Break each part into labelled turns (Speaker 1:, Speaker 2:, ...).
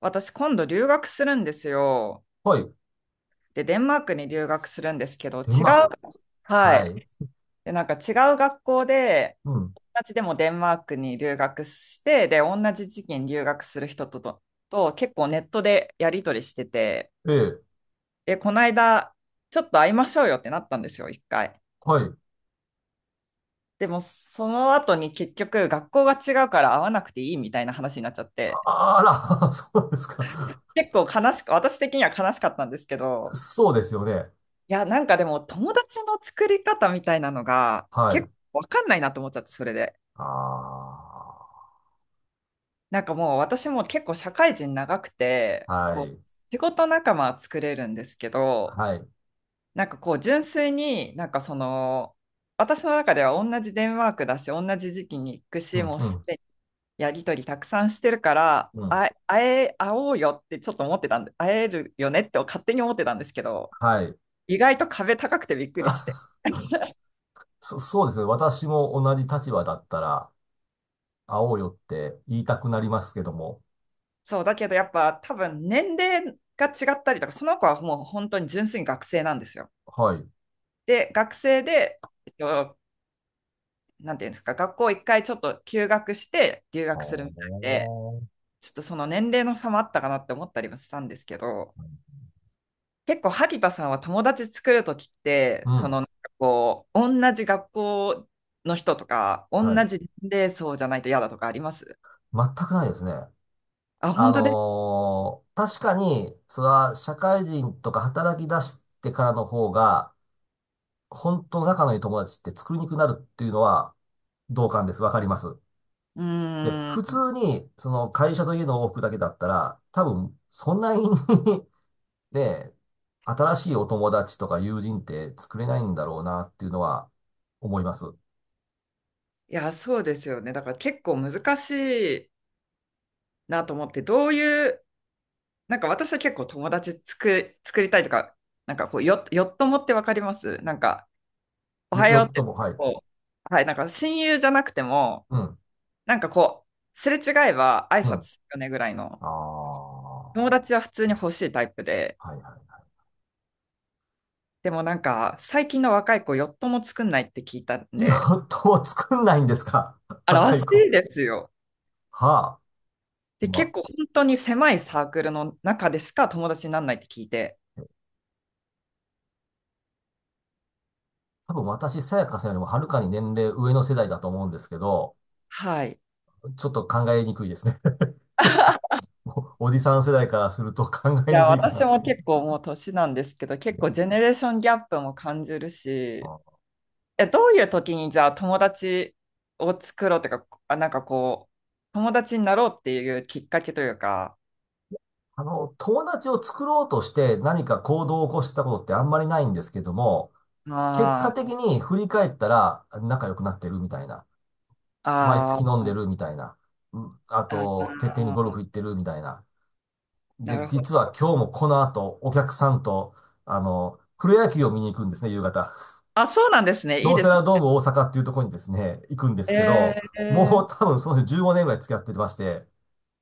Speaker 1: 私今度留学するんですよ。
Speaker 2: はい。
Speaker 1: で、デンマークに留学するんですけど、違
Speaker 2: デンマーク
Speaker 1: う、
Speaker 2: です。
Speaker 1: は
Speaker 2: は
Speaker 1: い。
Speaker 2: い。
Speaker 1: で、なんか違う学校で、
Speaker 2: うん。
Speaker 1: 同じでもデンマークに留学して、で、同じ時期に留学する人と結構ネットでやり取りしてて、
Speaker 2: ええ。
Speaker 1: で、この間、ちょっと会いましょうよってなったんですよ、一回。
Speaker 2: はい。
Speaker 1: でも、その後に結局、学校が違うから会わなくていいみたいな話になっちゃって、
Speaker 2: あら、そうですか。
Speaker 1: 結構悲しく、私的には悲しかったんですけど、
Speaker 2: そうですよね。
Speaker 1: いや、なんかでも友達の作り方みたいなのが
Speaker 2: は
Speaker 1: 結
Speaker 2: い。
Speaker 1: 構わかんないなと思っちゃって、それで。
Speaker 2: あ
Speaker 1: なんかもう私も結構社会人長くて、
Speaker 2: あ。は
Speaker 1: こう、
Speaker 2: い。
Speaker 1: 仕事仲間は作れるんですけど、
Speaker 2: はい。
Speaker 1: なんかこう純粋になんかその、私の中では同じデンマークだし、同じ時期に行く
Speaker 2: う
Speaker 1: し、
Speaker 2: ん、
Speaker 1: もう
Speaker 2: う
Speaker 1: す
Speaker 2: ん、
Speaker 1: でにやりとりたくさんしてるから、
Speaker 2: うん。
Speaker 1: あ、会おうよってちょっと思ってたんで、会えるよねって勝手に思ってたんですけど、
Speaker 2: はい。
Speaker 1: 意外と壁高くてびっくりして。
Speaker 2: そうですね。私も同じ立場だったら、会おうよって言いたくなりますけども。
Speaker 1: そうだけどやっぱ多分年齢が違ったりとか、その子はもう本当に純粋に学生なんですよ。
Speaker 2: はい。
Speaker 1: で学生で、えっと、なんていうんですか、学校一回ちょっと休学して留
Speaker 2: あ
Speaker 1: 学するみたいで、
Speaker 2: ー
Speaker 1: ちょっとその年齢の差もあったかなって思ったりもしたんですけど、結構萩田さんは友達作るときって、
Speaker 2: う
Speaker 1: その
Speaker 2: ん。
Speaker 1: なんかこう同じ学校の人とか同
Speaker 2: はい。
Speaker 1: じ年齢層じゃないと嫌だとかあります？
Speaker 2: 全くないですね。
Speaker 1: あ、本当で、
Speaker 2: 確かに、それは社会人とか働き出してからの方が、本当の仲のいい友達って作りにくくなるっていうのは同感です。わかります。
Speaker 1: う
Speaker 2: で、
Speaker 1: ー
Speaker 2: 普
Speaker 1: ん
Speaker 2: 通に、その会社と家の往復だけだったら、多分、そんなに ね、新しいお友達とか友人って作れないんだろうなっていうのは思います。
Speaker 1: いや、そうですよね。だから結構難しいなと思って、どういう、なんか私は結構友達作りたいとか、なんかこう、よっともってわかります？なんか、お
Speaker 2: よ、
Speaker 1: はよ
Speaker 2: よ
Speaker 1: うっ
Speaker 2: っと
Speaker 1: て、
Speaker 2: も、はい。
Speaker 1: こう、はい、なんか親友じゃなくても、
Speaker 2: うん、
Speaker 1: なんかこう、すれ違えば挨
Speaker 2: う
Speaker 1: 拶
Speaker 2: ん。
Speaker 1: するよねぐらいの、
Speaker 2: ああ、は
Speaker 1: 友達は普通に欲しいタイプで、
Speaker 2: いは
Speaker 1: でもなんか、最近の若い子、よっとも作んないって聞いたん
Speaker 2: い。よ
Speaker 1: で、
Speaker 2: っとも作んないんですか？
Speaker 1: あ、ら
Speaker 2: 若
Speaker 1: し
Speaker 2: い子。
Speaker 1: いですよ。
Speaker 2: はあ。
Speaker 1: で、
Speaker 2: ま
Speaker 1: 結
Speaker 2: あ、
Speaker 1: 構本当に狭いサークルの中でしか友達にならないって聞いて、
Speaker 2: 多分私、さやかさんよりもはるかに年齢上の世代だと思うんですけど、
Speaker 1: はい。
Speaker 2: ちょっと考えにくいですね。そっか。おじさん世代からすると考
Speaker 1: い
Speaker 2: え
Speaker 1: や、
Speaker 2: にくいか
Speaker 1: 私
Speaker 2: なと。
Speaker 1: も結構もう年なんですけど、結構ジェネレーションギャップも感じるし、
Speaker 2: あ
Speaker 1: え、どういう時にじゃあ友達を作ろうとか、あ、なんかこう、友達になろうっていうきっかけというか、
Speaker 2: あの、友達を作ろうとして何か行動を起こしたことってあんまりないんですけども、結
Speaker 1: あ
Speaker 2: 果
Speaker 1: ー、
Speaker 2: 的に振り返ったら仲良くなってるみたいな。毎月
Speaker 1: あ
Speaker 2: 飲ん
Speaker 1: ー、
Speaker 2: でるみたいな。うんあ
Speaker 1: あ
Speaker 2: と、徹底にゴル
Speaker 1: ー、
Speaker 2: フ行ってるみたいな。
Speaker 1: な
Speaker 2: で、
Speaker 1: るほ
Speaker 2: 実は
Speaker 1: ど。
Speaker 2: 今日もこの後、お客さんと、あの、プロ野球を見に行くんですね、夕方。
Speaker 1: あ、そうなんですね。いい
Speaker 2: 京
Speaker 1: で
Speaker 2: セ
Speaker 1: す
Speaker 2: ラドーム大阪っていうところにですね、行くんですけ
Speaker 1: ね。
Speaker 2: ど、も
Speaker 1: え
Speaker 2: う多分その人15年ぐらい付き合ってまして、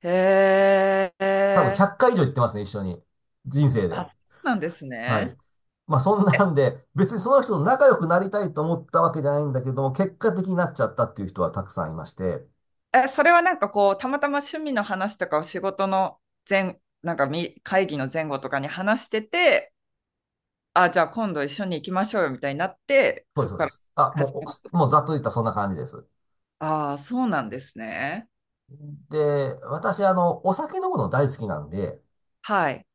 Speaker 1: ー、え
Speaker 2: 多分
Speaker 1: ー、
Speaker 2: 100回以上行ってますね、一緒に。人生
Speaker 1: あ、
Speaker 2: で。
Speaker 1: そうなんです
Speaker 2: はい。
Speaker 1: ね。
Speaker 2: まあそんなんで、別にその人と仲良くなりたいと思ったわけじゃないんだけども、結果的になっちゃったっていう人はたくさんいまして、
Speaker 1: え、それはなんかこう、たまたま趣味の話とかを仕事の前、なんか会議の前後とかに話してて、あ、じゃあ今度一緒に行きましょうよみたいになって、
Speaker 2: そうで
Speaker 1: そ
Speaker 2: す、
Speaker 1: こ
Speaker 2: そう
Speaker 1: か
Speaker 2: で
Speaker 1: ら
Speaker 2: す。あ、も
Speaker 1: 始
Speaker 2: う、
Speaker 1: めた。
Speaker 2: おもうざっと言ったらそんな感じです。
Speaker 1: ああ、そうなんですね。
Speaker 2: で、私、あの、お酒飲むの大好きなんで、
Speaker 1: はい。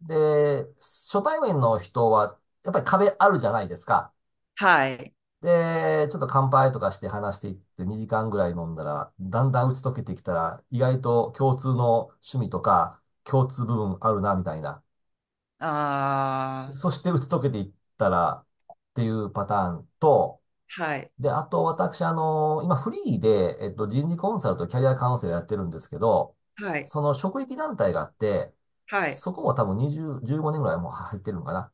Speaker 2: で、初対面の人は、やっぱり壁あるじゃないですか。
Speaker 1: はい。
Speaker 2: で、ちょっと乾杯とかして話していって2時間ぐらい飲んだら、だんだん打ち解けてきたら、意外と共通の趣味とか、共通部分あるな、みたいな。
Speaker 1: ああ、
Speaker 2: そして打ち解けていったら、っていうパターンと、
Speaker 1: はい。
Speaker 2: で、あと私、あの、今フリーで、人事コンサルとキャリアカウンセラーやってるんですけど、
Speaker 1: はい。
Speaker 2: その職域団体があって、
Speaker 1: はい。
Speaker 2: そこも多分20、15年ぐらいもう入ってるのかな。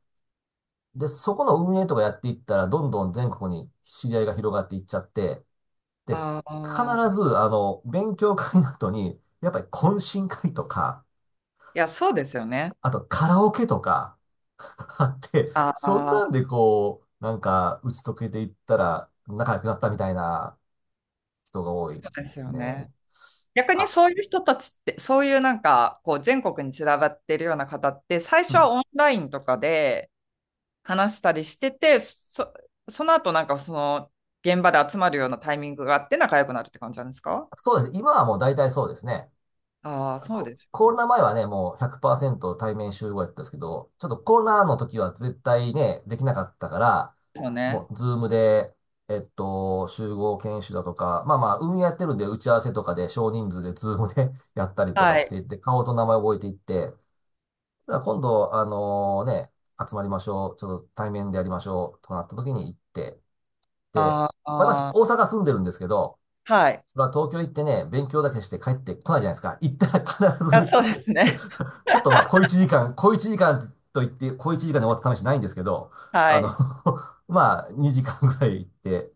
Speaker 2: で、そこの運営とかやっていったら、どんどん全国に知り合いが広がっていっちゃって、で、
Speaker 1: あ
Speaker 2: 必
Speaker 1: あ、
Speaker 2: ず、あの、勉強会の後に、やっぱり懇親会とか、
Speaker 1: いや、そうですよね。
Speaker 2: あとカラオケとか、あって、
Speaker 1: あ
Speaker 2: そん
Speaker 1: あ、
Speaker 2: なんでこう、なんか、打ち解けていったら、仲良くなったみたいな人が多
Speaker 1: そ
Speaker 2: いで
Speaker 1: うです
Speaker 2: す
Speaker 1: よね。
Speaker 2: ね。
Speaker 1: 逆に
Speaker 2: あ、
Speaker 1: そういう人たちって、そういうなんか、こう、全国に散らばってるような方って、最
Speaker 2: う
Speaker 1: 初は
Speaker 2: ん。
Speaker 1: オンラインとかで、話したりしてて、その後、なんかその現場で集まるようなタイミングがあって仲良くなるって感じなんですか？
Speaker 2: そうです。今はもう大体そうですね。
Speaker 1: ああー、そう
Speaker 2: コ、
Speaker 1: です
Speaker 2: コロナ前はね、もう100%対面集合やったんですけど、ちょっとコロナの時は絶対ね、できなかったから、
Speaker 1: よ
Speaker 2: も
Speaker 1: ね。
Speaker 2: うズームで、集合研修だとか、まあまあ、運営やってるんで打ち合わせとかで少人数でズームで やったりと
Speaker 1: は
Speaker 2: かし
Speaker 1: い。
Speaker 2: ていって、顔と名前覚えていって、ただ今度、あのね、集まりましょう、ちょっと対面でやりましょうとなった時に行って、で、
Speaker 1: あー、
Speaker 2: 私、
Speaker 1: あ
Speaker 2: 大阪住んでるんですけど、
Speaker 1: ー、はい。
Speaker 2: それは東京行ってね、勉強だけして帰ってこないじゃないですか。行ったら必
Speaker 1: あ、
Speaker 2: ず
Speaker 1: そうですね。
Speaker 2: ちょっとまあ、小一時間、小一時間と言って、小一時間で終わった試しないんですけど、
Speaker 1: は
Speaker 2: あの
Speaker 1: い。
Speaker 2: まあ、2時間ぐらい行って、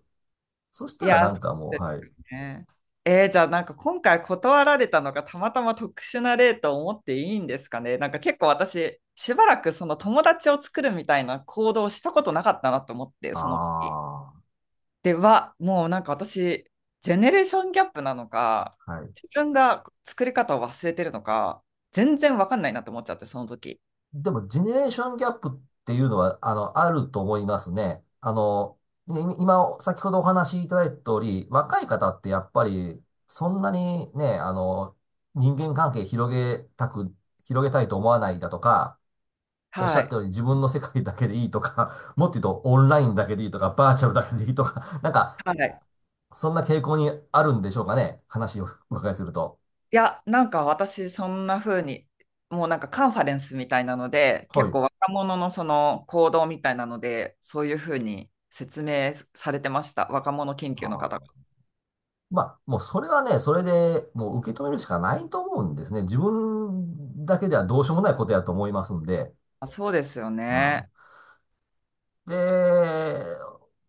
Speaker 2: そし
Speaker 1: い
Speaker 2: たら
Speaker 1: や、
Speaker 2: な
Speaker 1: そ
Speaker 2: ん
Speaker 1: う
Speaker 2: かもう、
Speaker 1: です
Speaker 2: はい。
Speaker 1: よね。じゃあなんか今回断られたのがたまたま特殊な例と思っていいんですかね。なんか結構私、しばらくその友達を作るみたいな行動をしたことなかったなと思って、その時。
Speaker 2: あ
Speaker 1: では、もうなんか私、ジェネレーションギャップなのか、
Speaker 2: あ、はい。
Speaker 1: 自分が作り方を忘れてるのか、全然わかんないなって思っちゃって、その時。
Speaker 2: でも、ジェネレーションギャップっていうのは、あの、あると思いますね。い今、先ほどお話しいただいた通り、若い方ってやっぱり、そんなにね、あの、人間関係広げたく、広げたいと思わないだとか、おっし
Speaker 1: は
Speaker 2: ゃった
Speaker 1: い。
Speaker 2: ように自分の世界だけでいいとか、もっと言うとオンラインだけでいいとか、バーチャルだけでいいとか、なんか、
Speaker 1: はい。
Speaker 2: そんな傾向にあるんでしょうかね。話をお伺いすると。
Speaker 1: いや、なんか私、そんな風に、もうなんかカンファレンスみたいなので、
Speaker 2: は
Speaker 1: 結
Speaker 2: い。
Speaker 1: 構若者のその行動みたいなので、そういう風に説明されてました。若者研
Speaker 2: あ
Speaker 1: 究の方
Speaker 2: ー
Speaker 1: が。
Speaker 2: まあ、もうそれはね、それでもう受け止めるしかないと思うんですね。自分だけではどうしようもないことやと思いますんで。
Speaker 1: あ、そうですよ
Speaker 2: う
Speaker 1: ね。
Speaker 2: ん。で、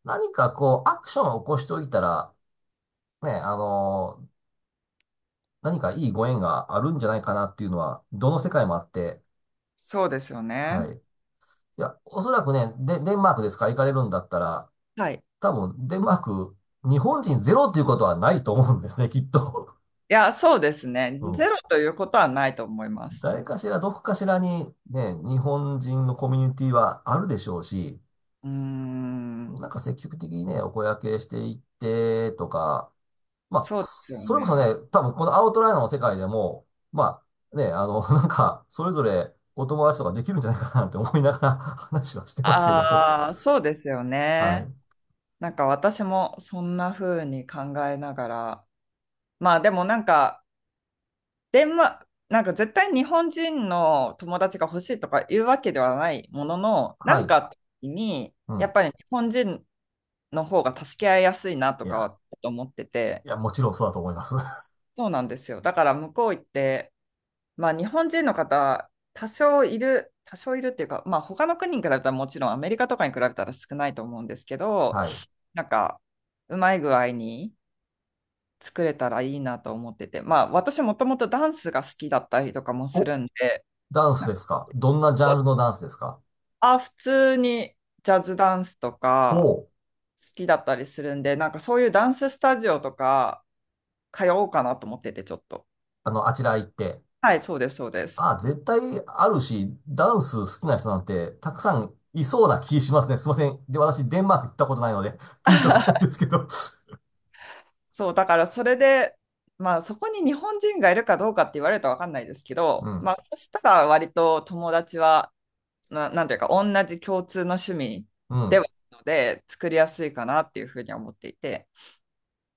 Speaker 2: 何かこう、アクションを起こしておいたら、ね、あの、何かいいご縁があるんじゃないかなっていうのは、どの世界もあって、
Speaker 1: そうですよね。
Speaker 2: はい。いや、おそらくね、デンマークですか？行かれるんだったら、
Speaker 1: はい。い
Speaker 2: 多分、デンマーク、日本人ゼロっていうことはないと思うんですね、きっと。
Speaker 1: や、そうですね。
Speaker 2: う
Speaker 1: ゼ
Speaker 2: ん、
Speaker 1: ロということはないと思います。
Speaker 2: 誰かしら、どこかしらにね、日本人のコミュニティはあるでしょうし、
Speaker 1: うーん、
Speaker 2: なんか積極的にね、お声掛けしていってとか、まあ、
Speaker 1: そうですよ
Speaker 2: それこそ
Speaker 1: ね。
Speaker 2: ね、多分このアウトライナーの世界でも、まあね、あの、なんか、それぞれお友達とかできるんじゃないかなって思いながら 話はしてますけども。
Speaker 1: ああ、そうですよ
Speaker 2: は
Speaker 1: ね。
Speaker 2: い。
Speaker 1: なんか私もそんな風に考えながら、まあでもなんか、デンマなんか絶対日本人の友達が欲しいとかいうわけではないものの、な
Speaker 2: は
Speaker 1: んか
Speaker 2: い。
Speaker 1: あった時に、
Speaker 2: う
Speaker 1: やっ
Speaker 2: ん。
Speaker 1: ぱり日本人の方が助け合いやすいなと
Speaker 2: い
Speaker 1: か
Speaker 2: や、
Speaker 1: は思ってて、
Speaker 2: いや、もちろんそうだと思います。
Speaker 1: そうなんですよ。だから向こう行って、まあ、日本人の方、多少いるっていうか、まあ、他の国に比べたら、もちろんアメリカとかに比べたら少ないと思うんですけど、
Speaker 2: はい。
Speaker 1: なんか、うまい具合に作れたらいいなと思ってて、まあ、私もともとダンスが好きだったりとかもす
Speaker 2: お、
Speaker 1: るんで、
Speaker 2: ダン
Speaker 1: な
Speaker 2: ス
Speaker 1: んか
Speaker 2: ですか？どんなジャンルのダンスですか？
Speaker 1: 普通にジャズダンスとか
Speaker 2: ほう。
Speaker 1: 好きだったりするんで、なんかそういうダンススタジオとか通おうかなと思ってて、ちょっと。
Speaker 2: あの、あちら行って。
Speaker 1: はい、そうです、そうです。
Speaker 2: あ、絶対あるし、ダンス好きな人なんてたくさんいそうな気しますね。すいません。で、私、デンマーク行ったことないので、ピンとこないん ですけど。
Speaker 1: そう、だからそれで、まあそこに日本人がいるかどうかって言われると分かんないですけ
Speaker 2: う
Speaker 1: ど、
Speaker 2: ん。
Speaker 1: まあそしたら割と友達は、なんていうか同じ共通の趣味
Speaker 2: う
Speaker 1: では
Speaker 2: ん。
Speaker 1: あるので作りやすいかなっていうふうに思っていて、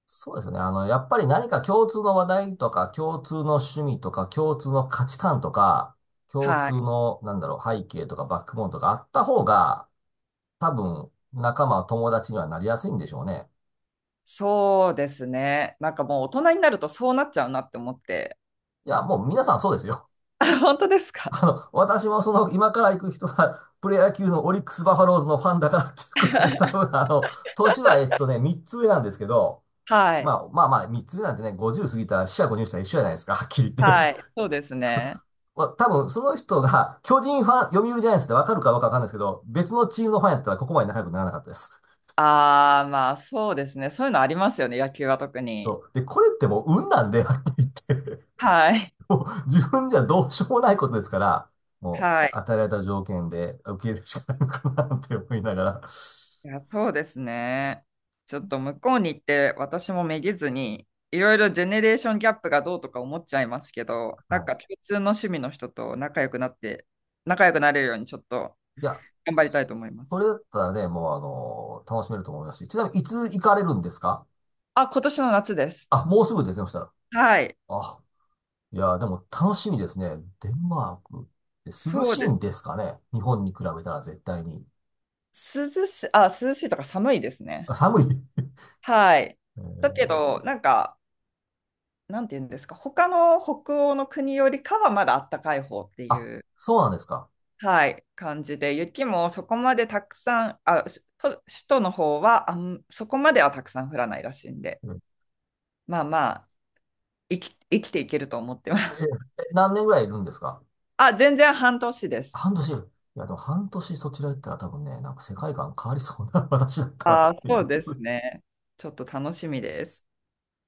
Speaker 2: そうですね。あの、やっぱり何か共通の話題とか、共通の趣味とか、共通の価値観とか、共
Speaker 1: は
Speaker 2: 通
Speaker 1: い。
Speaker 2: の、なんだろう、背景とかバックボーンとかあった方が、多分、友達にはなりやすいんでしょうね。
Speaker 1: そうですね。なんかもう大人になるとそうなっちゃうなって思って。
Speaker 2: いや、もう皆さんそうですよ。
Speaker 1: あ、本当です
Speaker 2: あ
Speaker 1: か？
Speaker 2: の、私もその、今から行く人は、プロ野球のオリックス・バファローズのファンだからっていうことで、多分あの、年は3つ上なんですけど、
Speaker 1: は
Speaker 2: ま
Speaker 1: い。
Speaker 2: あまあまあ、3つ上なんてね、50過ぎたら四捨五入したら一緒じゃないですか、はっきり言っ
Speaker 1: はい。
Speaker 2: て。
Speaker 1: そうですね。
Speaker 2: まあ、多分その人が、巨人ファン、読売ジャイアンツってわかるかどかわかんないですけど、別のチームのファンやったらここまで仲良くならなかったです。
Speaker 1: ああ、まあそうですね。そういうのありますよね。野球は特
Speaker 2: そ
Speaker 1: に。
Speaker 2: うで、これってもう運なんで、はっきり言って。
Speaker 1: はい。
Speaker 2: もう自分じゃどうしようもないことですから、も
Speaker 1: は
Speaker 2: う
Speaker 1: い。
Speaker 2: 与えられた条件で受け入れるしかないのかなって思いながら、
Speaker 1: いや、そうですね。ちょっと向こうに行って私もめげずに、いろいろジェネレーションギャップがどうとか思っちゃいますけど、なん
Speaker 2: はい。
Speaker 1: か共通の趣味の人と仲良くなって、仲良くなれるようにちょっと
Speaker 2: いや、
Speaker 1: 頑張りたいと思いま
Speaker 2: こ
Speaker 1: す。
Speaker 2: れだったらね、もうあの、楽しめると思いますし。ちなみに、いつ行かれるんですか？
Speaker 1: あ、今年の夏です。
Speaker 2: あ、もうすぐですね、そしたら。
Speaker 1: はい。
Speaker 2: あ、いや、でも楽しみですね。デンマークって涼
Speaker 1: そう
Speaker 2: しい
Speaker 1: で
Speaker 2: んですかね？日本に比べたら絶対に。
Speaker 1: す涼し、あ、涼しいとか寒いですね。
Speaker 2: あ、寒い。
Speaker 1: はい。
Speaker 2: え
Speaker 1: だけ
Speaker 2: ー、
Speaker 1: ど、なんか、なんて言うんですか、他の北欧の国よりかはまだあったかい方ってい
Speaker 2: あ、
Speaker 1: う、
Speaker 2: そうなんですか。
Speaker 1: はい、感じで、雪もそこまでたくさん、あ、首都の方は、そこまではたくさん降らないらしいんで、
Speaker 2: うん、
Speaker 1: まあまあ、生きていけると思ってま
Speaker 2: えー、え、
Speaker 1: す。
Speaker 2: 何年ぐらいいるんですか？
Speaker 1: あ、全然半年です。
Speaker 2: 半年。いや、でも半年そちら行ったら多分ね、なんか世界観変わりそうな 私だったらと
Speaker 1: あ、
Speaker 2: 思い
Speaker 1: そう
Speaker 2: ま
Speaker 1: で
Speaker 2: す。
Speaker 1: すね。ちょっと楽しみです。